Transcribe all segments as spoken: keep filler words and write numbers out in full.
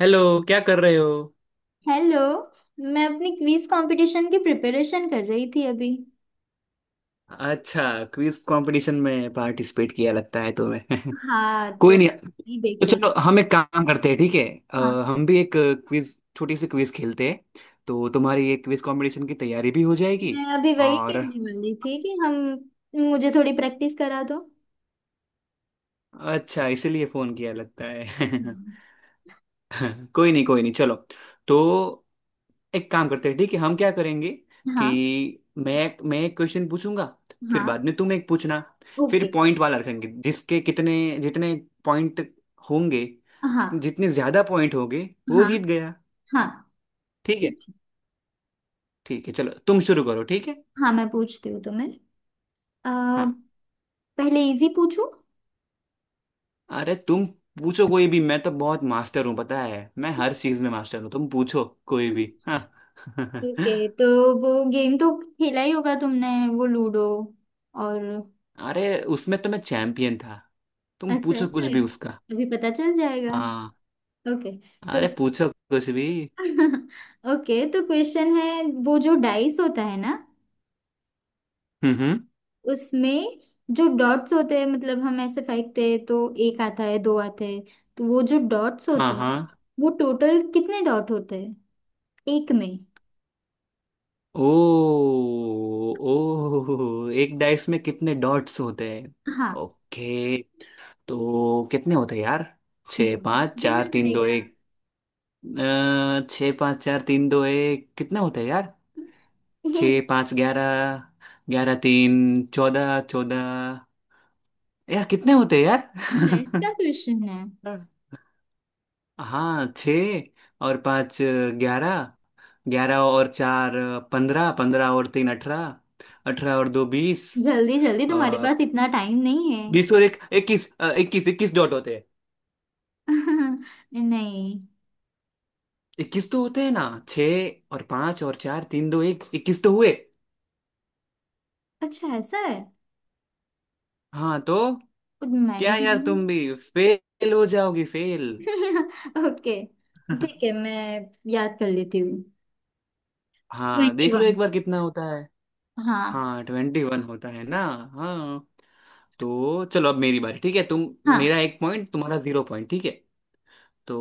Hello. क्या कर रहे हो? हेलो। मैं अपनी क्विज कंपटीशन की प्रिपरेशन कर रही थी अभी। अच्छा, क्विज कंपटीशन में पार्टिसिपेट किया लगता है तुम्हें। हाँ, तो कोई नहीं, नहीं देख तो रही। चलो हम एक काम करते हैं, ठीक है। हाँ, अ, हम भी एक क्विज, छोटी सी क्विज खेलते हैं, तो तुम्हारी ये क्विज कंपटीशन की तैयारी भी हो जाएगी मैं अभी वही और कहने वाली थी कि हम मुझे थोड़ी प्रैक्टिस करा दो। अच्छा, इसीलिए फोन किया लगता है। हाँ, कोई नहीं कोई नहीं, चलो। तो एक काम करते हैं, ठीक है, हम क्या करेंगे कि हाँ, मैं मैं एक क्वेश्चन पूछूंगा, फिर हाँ। बाद में तुम एक पूछना। फिर ओके। पॉइंट वाला रखेंगे, जिसके कितने, जितने पॉइंट होंगे, हाँ, जितने ज्यादा पॉइंट होंगे वो हाँ, जीत गया। हाँ। ठीक है। ठीक है। ठीक है चलो, तुम शुरू करो, ठीक है। हाँ, मैं पूछती हूँ तुम्हें। अ, हाँ, पहले इजी पूछूं? अरे तुम पूछो कोई भी, मैं तो बहुत मास्टर हूँ, पता है मैं हर चीज में मास्टर हूँ। तुम पूछो कोई भी, हाँ। ओके। तो वो गेम तो खेला ही होगा तुमने, वो लूडो, और। अरे उसमें तो मैं चैंपियन था, तुम अच्छा, पूछो ऐसा कुछ है? भी उसका। अभी पता चल जाएगा। हाँ, ओके। तो अरे पूछो कुछ भी। ओके, तो क्वेश्चन है, वो जो डाइस होता है ना, हम्म। उसमें जो डॉट्स होते हैं, मतलब हम ऐसे फेंकते हैं तो एक आता है, दो आते हैं। तो वो जो डॉट्स हाँ होते हैं, हाँ। वो टोटल कितने डॉट होते हैं एक में? ओ, ओ एक डाइस में कितने डॉट्स होते हैं। हाँ, ओके, तो कितने होते हैं यार? छः मुझे तो पाँच चार गिनना तीन दो पड़ेगा। एक। अ, छः पाँच चार तीन दो एक, कितने होते हैं यार? ये छः पाँच ग्यारह, ग्यारह तीन चौदह चौदह, यार कितने होते हैं मैथ यार? का क्वेश्चन है। हाँ, छः और पाँच ग्यारह, ग्यारह और चार पंद्रह, पंद्रह और तीन अठारह, अठारह और दो बीस, जल्दी जल्दी, तुम्हारे पास इतना टाइम नहीं है। बीस और एक इक्कीस। इक्कीस इक्कीस डॉट होते हैं। नहीं। इक्कीस तो होते हैं ना, छः और पाँच और चार तीन दो एक, इक्कीस तो हुए। अच्छा, ऐसा है? हाँ तो, मैंने क्या यार गिना। तुम भी फेल हो जाओगी, फेल। ओके। ठीक है, मैं याद कर लेती हूँ। हाँ ट्वेंटी देख लो वन एक बार कितना होता है। हाँ, हाँ, ट्वेंटी वन होता है ना। हाँ, तो चलो अब मेरी बारी, ठीक है तुम। मेरा हाँ, एक पॉइंट, तुम्हारा जीरो पॉइंट, ठीक है। तो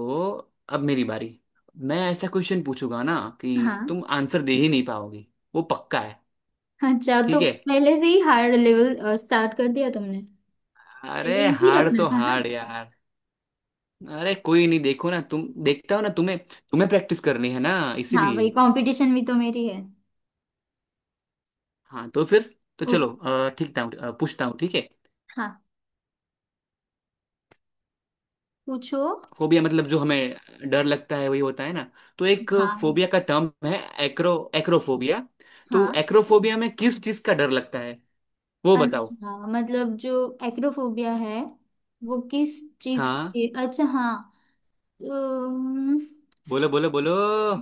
अब मेरी बारी, मैं ऐसा क्वेश्चन पूछूंगा ना हाँ। कि तुम आंसर दे ही नहीं पाओगी, वो पक्का है। अच्छा, तो ठीक है, पहले से ही हार्ड लेवल स्टार्ट कर दिया तुमने। पहले अरे इजी हार रखना तो था ना। हार यार। अरे कोई नहीं, देखो ना तुम, देखता हो ना तुम्हें, तुम्हें प्रैक्टिस करनी है ना, हाँ भाई, इसीलिए। कंपटीशन भी तो मेरी है। हाँ तो फिर, तो ओ चलो अ, ठीक था, अ, पूछता हूँ ठीक है। हाँ, पूछो। फोबिया मतलब जो हमें डर लगता है वही होता है ना, तो एक हाँ, फोबिया का टर्म है, एक्रो एक्रोफोबिया। तो हाँ। एक्रोफोबिया में किस चीज का डर लगता है, वो बताओ। अच्छा, मतलब जो एक्रोफोबिया है वो किस चीज के हाँ लिए, अच्छा हाँ। अम, बोलो बोलो बोलो,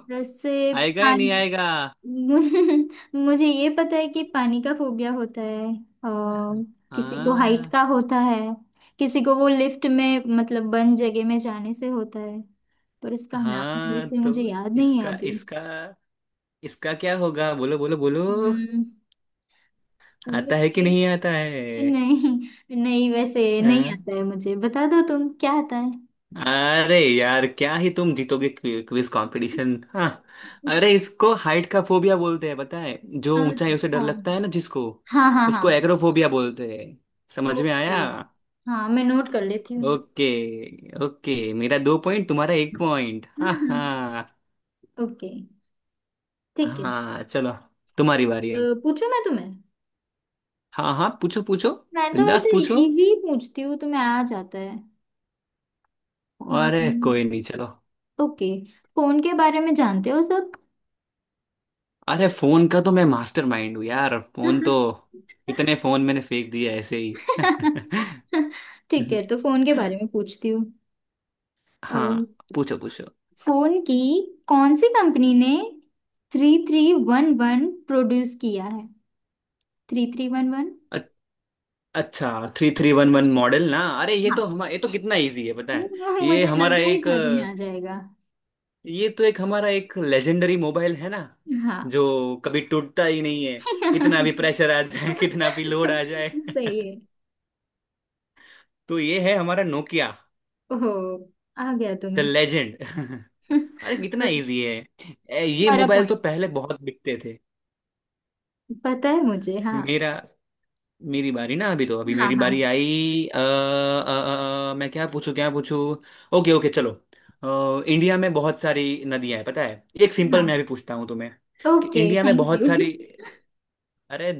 जैसे आएगा या पानी। नहीं आएगा? मुझे ये पता है कि पानी का फोबिया होता है। और किसी को हाइट हाँ का होता है, किसी को वो लिफ्ट में, मतलब बंद जगह में जाने से होता है। पर इसका नाम हाँ, वैसे तो मुझे याद नहीं है इसका अभी। इसका इसका क्या होगा, बोलो बोलो बोलो, हम्म, आता है कि मुझे नहीं आता है? नहीं, नहीं, वैसे नहीं हाँ? आता है मुझे। बता दो तुम, क्या आता है। अरे यार, क्या ही तुम जीतोगे क्विज कंपटीशन, हाँ। अरे इसको हाइट का फोबिया बोलते हैं, पता है, जो ऊंचाइयों से डर अच्छा। लगता है ना जिसको, हाँ, हाँ, उसको हाँ। एग्रोफोबिया बोलते हैं। समझ में ओके। आया। हाँ, मैं नोट कर लेती हूँ। ओके, ओके मेरा दो पॉइंट, तुम्हारा एक पॉइंट, हाँ हाँ। ओके। ठीक है। हाँ चलो, तुम्हारी बारी अ, अब। पूछूं मैं तुम्हें? हाँ हाँ पूछो पूछो, मैं तो बिंदास वैसे पूछो। इजी ही पूछती हूँ तुम्हें, आ जाता है। अरे हम्म, कोई नहीं चलो, ओके। फोन के बारे में जानते हो सब? अरे फोन का तो मैं मास्टर माइंड हूँ यार, फोन तो इतने फोन मैंने फेंक दिया ऐसे ही। ठीक है, तो फोन के बारे में पूछती हूँ। अम, हाँ पूछो पूछो। फोन की कौन सी कंपनी ने three three one one produce किया है? Three three one one. अ- अच्छा three three one one model ना, अरे ये तो हाँ। हमारा, ये तो कितना इजी है पता है। ये मुझे हमारा लगा ही एक था तुम्हें अ, आ जाएगा। ये तो एक हमारा एक लेजेंडरी मोबाइल है ना, हाँ। जो कभी टूटता ही नहीं है। कितना भी प्रेशर आ जाए कितना भी लोड आ जाए। सही है। तो ये है हमारा नोकिया, ओह, आ गया द तुम्हें। लेजेंड। अरे कितना और इजी है। ए, ये तुम्हारा मोबाइल पॉइंट। तो पहले बहुत बिकते थे। पता है मुझे। हाँ, मेरा मेरी बारी ना अभी तो, अभी हाँ, मेरी हाँ, बारी आई। अ, अ, अ, मैं क्या पूछूं, क्या पूछूं? ओके ओके चलो, अ, इंडिया में बहुत सारी नदियां हैं पता है। एक सिंपल मैं हाँ। अभी पूछता हूँ तुम्हें कि ओके, इंडिया में थैंक बहुत यू। सारी, अरे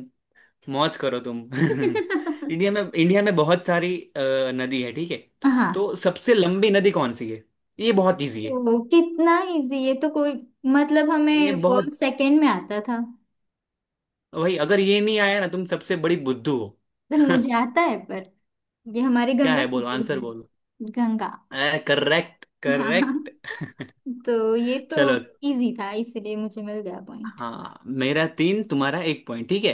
मौज करो तुम। इंडिया में, इंडिया में बहुत सारी अ, नदी है, ठीक है। हाँ। तो सबसे लंबी नदी कौन सी है? ये बहुत इजी है, ओ, कितना इजी! ये तो कोई, मतलब ये हमें बहुत, फर्स्ट सेकंड में आता था। तो भाई अगर ये नहीं आया ना तुम सबसे बड़ी बुद्धू हो। तो मुझे आता है पर। ये हमारी क्या गंगा है, बोलो नदी आंसर है। बोलो। गंगा। करेक्ट, हाँ, करेक्ट। तो ये तो चलो, इजी था इसलिए मुझे मिल गया पॉइंट। हाँ मेरा तीन, तुम्हारा एक पॉइंट, ठीक है।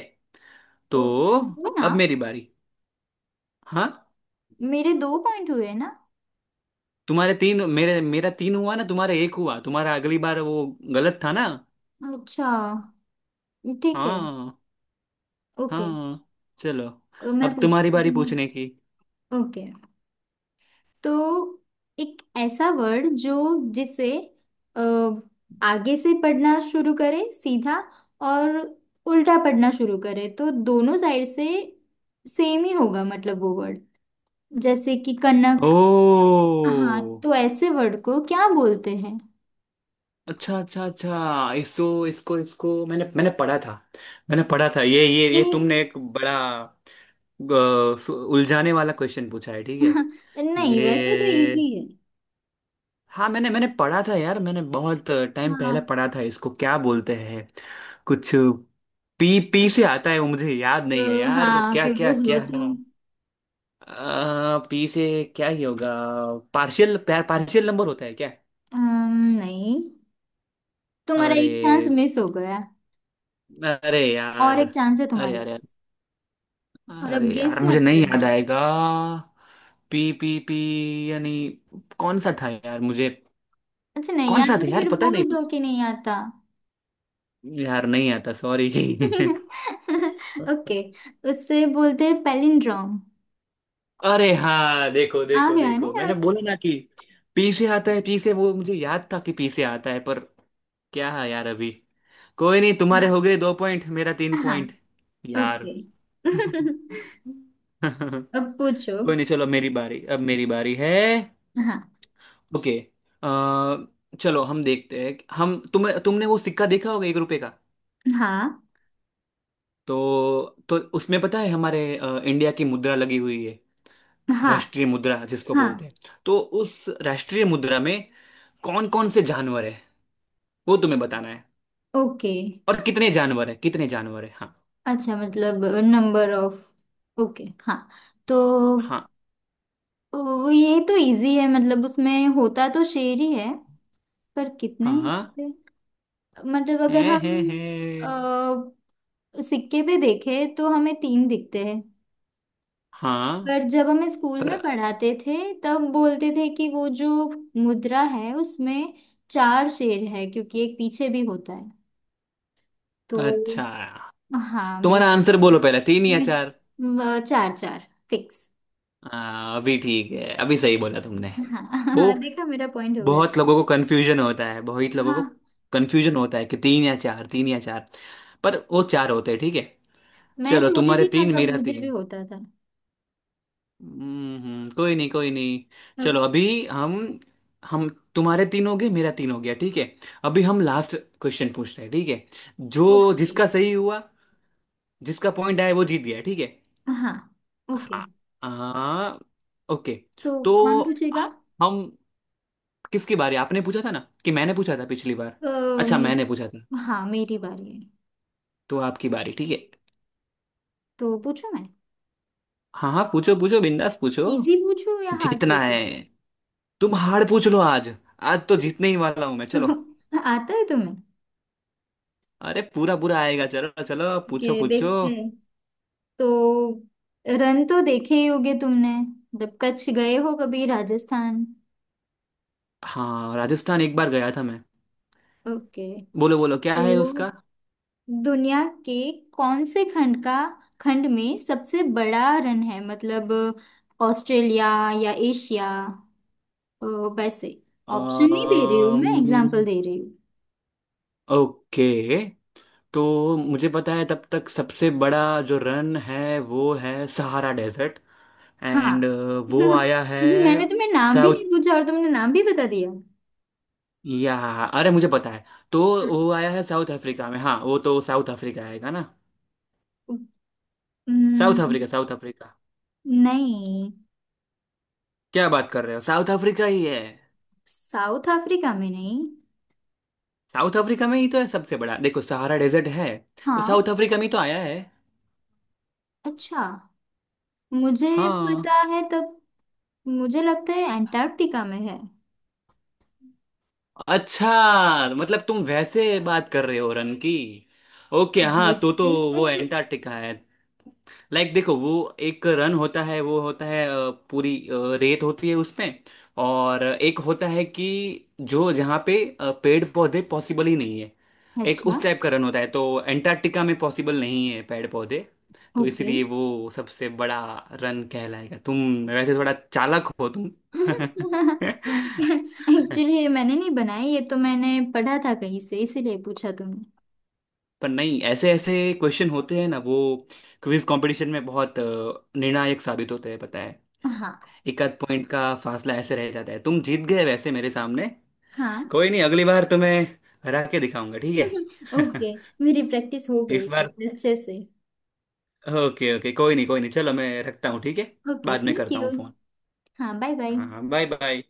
तो ओ, वो ना, अब मेरी बारी। हाँ, मेरे दो पॉइंट हुए ना। तुम्हारे तीन, मेरे मेरा तीन हुआ ना, तुम्हारा एक हुआ, तुम्हारा अगली बार, वो गलत था ना। अच्छा, ठीक है। हाँ। ओके। हाँ चलो, तो मैं अब तुम्हारी पूछती हूँ बारी तुम्हें। पूछने की। ओके, तो एक ऐसा वर्ड जो, जिसे अ, आगे से पढ़ना शुरू करे सीधा, और उल्टा पढ़ना शुरू करे, तो दोनों साइड से सेम ही होगा, मतलब वो वर्ड, जैसे कि कनक। ओ, हाँ, तो ऐसे वर्ड को क्या बोलते हैं? अच्छा अच्छा अच्छा, इसको इसको इसको मैंने मैंने पढ़ा था, मैंने पढ़ा था ये ये ये। ये तुमने एक बड़ा अ, सु- उलझाने वाला क्वेश्चन पूछा है, ठीक है। नहीं, वैसे तो ये इजी है। हाँ मैंने, मैंने पढ़ा था यार, मैंने बहुत टाइम हाँ पहले पढ़ा था, इसको क्या बोलते हैं कुछ, पी पी से आता है, वो मुझे याद तो, नहीं है यार, हाँ क्या क्या क्लोज हो क्या है? तुम। आ, पी से क्या ही होगा, पार्शियल पार्शियल नंबर होता है क्या? अम्म, नहीं, तुम्हारा अरे, एक चांस मिस हो गया। अरे और यार, एक चांस है अरे तुम्हारे अरे, पास, और अब अरे गेस यार मुझे मत नहीं याद करना। आएगा। पी पी पी यानी कौन सा था यार, मुझे अच्छा, नहीं कौन सा आता था तो यार, फिर पता नहीं बोल दो मुझे। कि नहीं आता। यार नहीं आता, सॉरी। ओके। उससे बोलते हैं पैलिंड्रोम। अरे हाँ, देखो आ देखो गया है ना देखो, मैंने याद? बोला ना कि पी से आता है, पी से वो मुझे याद था कि पी से आता है, पर क्या है यार अभी। कोई नहीं, तुम्हारे हाँ, हो गए दो पॉइंट, मेरा तीन हाँ। पॉइंट। यार। ओके। कोई अब पूछो। नहीं चलो, मेरी बारी, अब मेरी बारी है। हाँ, ओके, अ, चलो हम देखते हैं, हम तुम, तुमने वो सिक्का देखा होगा एक रुपए का, हाँ, तो तो उसमें पता है हमारे अ, इंडिया की मुद्रा लगी हुई है, हाँ, राष्ट्रीय मुद्रा जिसको हाँ। बोलते हैं। तो उस राष्ट्रीय मुद्रा में कौन कौन से जानवर है, वो तुम्हें बताना है। ओके। और कितने जानवर है, कितने जानवर है, हाँ। अच्छा, मतलब नंबर ऑफ। ओके हाँ। तो हाँ। वो, ये तो इजी है, मतलब उसमें होता तो शेर ही है पर कितने हाँ, होते हैं। मतलब अगर है हम है है सिक्के पे देखे तो हमें तीन दिखते हैं, हाँ, पर जब हमें स्कूल पर में पढ़ाते थे तब बोलते थे कि वो जो मुद्रा है उसमें चार शेर है, क्योंकि एक पीछे भी होता है। तो अच्छा हाँ, तुम्हारा मेरा आंसर बोलो पहले, तीन या चार। मैं- चार, चार फिक्स। हाँ, अभी ठीक है, अभी सही बोला तुमने। हाँ। वो, देखा, मेरा पॉइंट हो गया। बहुत लोगों को कंफ्यूजन होता है, बहुत लोगों हाँ, को कंफ्यूजन होता है कि तीन या चार, तीन या चार, पर वो चार होते हैं, ठीक है। मैं चलो छोटी तुम्हारे थी ना तीन, तब, मेरा मुझे भी तीन। होता था हम्म हम्म, कोई नहीं कोई नहीं। तब। चलो अभी, हम हम तुम्हारे तीन हो गए, मेरा तीन हो गया, ठीक है। अभी हम लास्ट क्वेश्चन पूछते हैं, ठीक है, जो ओके। जिसका सही हुआ, जिसका पॉइंट आया वो जीत गया, ठीक है। हाँ। ओके। हाँ, आ, ओके। तो तो कौन पूछेगा? हम किसकी बारी, आपने पूछा था ना कि मैंने पूछा था पिछली बार। अच्छा, मैंने पूछा था, अम्म, हाँ, मेरी बारी है। तो आपकी बारी, ठीक है। तो पूछूं मैं? हाँ हाँ, पूछो पूछो, बिंदास पूछो। इजी पूछूं या हार्ड जीतना है, पूछूं? तुम हार पूछ लो आज, आज तो जीतने ही वाला हूं मैं, चलो। तो आता है तुम्हें? अरे पूरा पूरा आएगा, चलो चलो, कि पूछो पूछो। देखते हैं। तो रन तो देखे ही होगे तुमने, जब कच्छ गए हो कभी, राजस्थान। हाँ, राजस्थान एक बार गया था मैं। ओके। बोलो बोलो क्या तो है उसका? दुनिया के कौन से खंड का, खंड में सबसे बड़ा रन है, मतलब ऑस्ट्रेलिया या एशिया। अ, वैसे ऑप्शन नहीं दे रही हूँ, मैं अम्म, एग्जांपल दे रही हूँ। ओके, तो मुझे पता है तब तक, सबसे बड़ा जो रन है वो है सहारा डेजर्ट। एंड हाँ। वो आया है मैंने तुम्हें नाम भी नहीं साउथ पूछा और तुमने नाम भी बता दिया। या, अरे मुझे पता है। तो वो आया है साउथ अफ्रीका में, हाँ वो तो साउथ अफ्रीका आएगा ना। साउथ अफ्रीका, हम्म, साउथ अफ्रीका, नहीं, क्या बात कर रहे हो, साउथ अफ्रीका ही है। साउथ अफ्रीका में नहीं। साउथ अफ्रीका में ही तो है सबसे बड़ा, देखो सहारा डेजर्ट है, वो हाँ, साउथ अफ्रीका में ही तो आया है। अच्छा। मुझे पता हाँ। है तब। मुझे लगता है एंटार्क्टिका में है। अच्छा मतलब तुम वैसे बात कर रहे हो रन की, ओके। हाँ तो तो वैसे वो कैसे? एंटार्क्टिका है। लाइक like, देखो वो एक रन होता है वो होता है अ, पूरी अ, रेत होती है उसमें। और एक होता है कि जो जहाँ पे अ, पेड़ पौधे पॉसिबल ही नहीं है, एक अच्छा। उस टाइप का रन होता है, तो एंटार्क्टिका में पॉसिबल नहीं है पेड़ पौधे, तो ओके। इसलिए वो सबसे बड़ा रन कहलाएगा। तुम वैसे थोड़ा चालाक हो तुम। एक्चुअली मैंने नहीं बनाई ये, तो मैंने पढ़ा था कहीं से, इसीलिए पूछा तुमने। पर नहीं, ऐसे ऐसे क्वेश्चन होते हैं ना वो, क्विज कंपटीशन में बहुत अ, निर्णायक साबित होते हैं पता है। हाँ, एक आध पॉइंट का फासला ऐसे रह जाता है, तुम जीत गए वैसे मेरे सामने। हाँ। कोई नहीं, अगली बार तुम्हें हरा के दिखाऊंगा, ठीक है। ओके, मेरी प्रैक्टिस हो गई इस बार अच्छे से। ओके, ओके कोई नहीं कोई नहीं, चलो मैं रखता हूँ, ठीक है। ओके, बाद में थैंक करता यू। हूँ फोन। हाँ, बाय बाय। हाँ बाय बाय।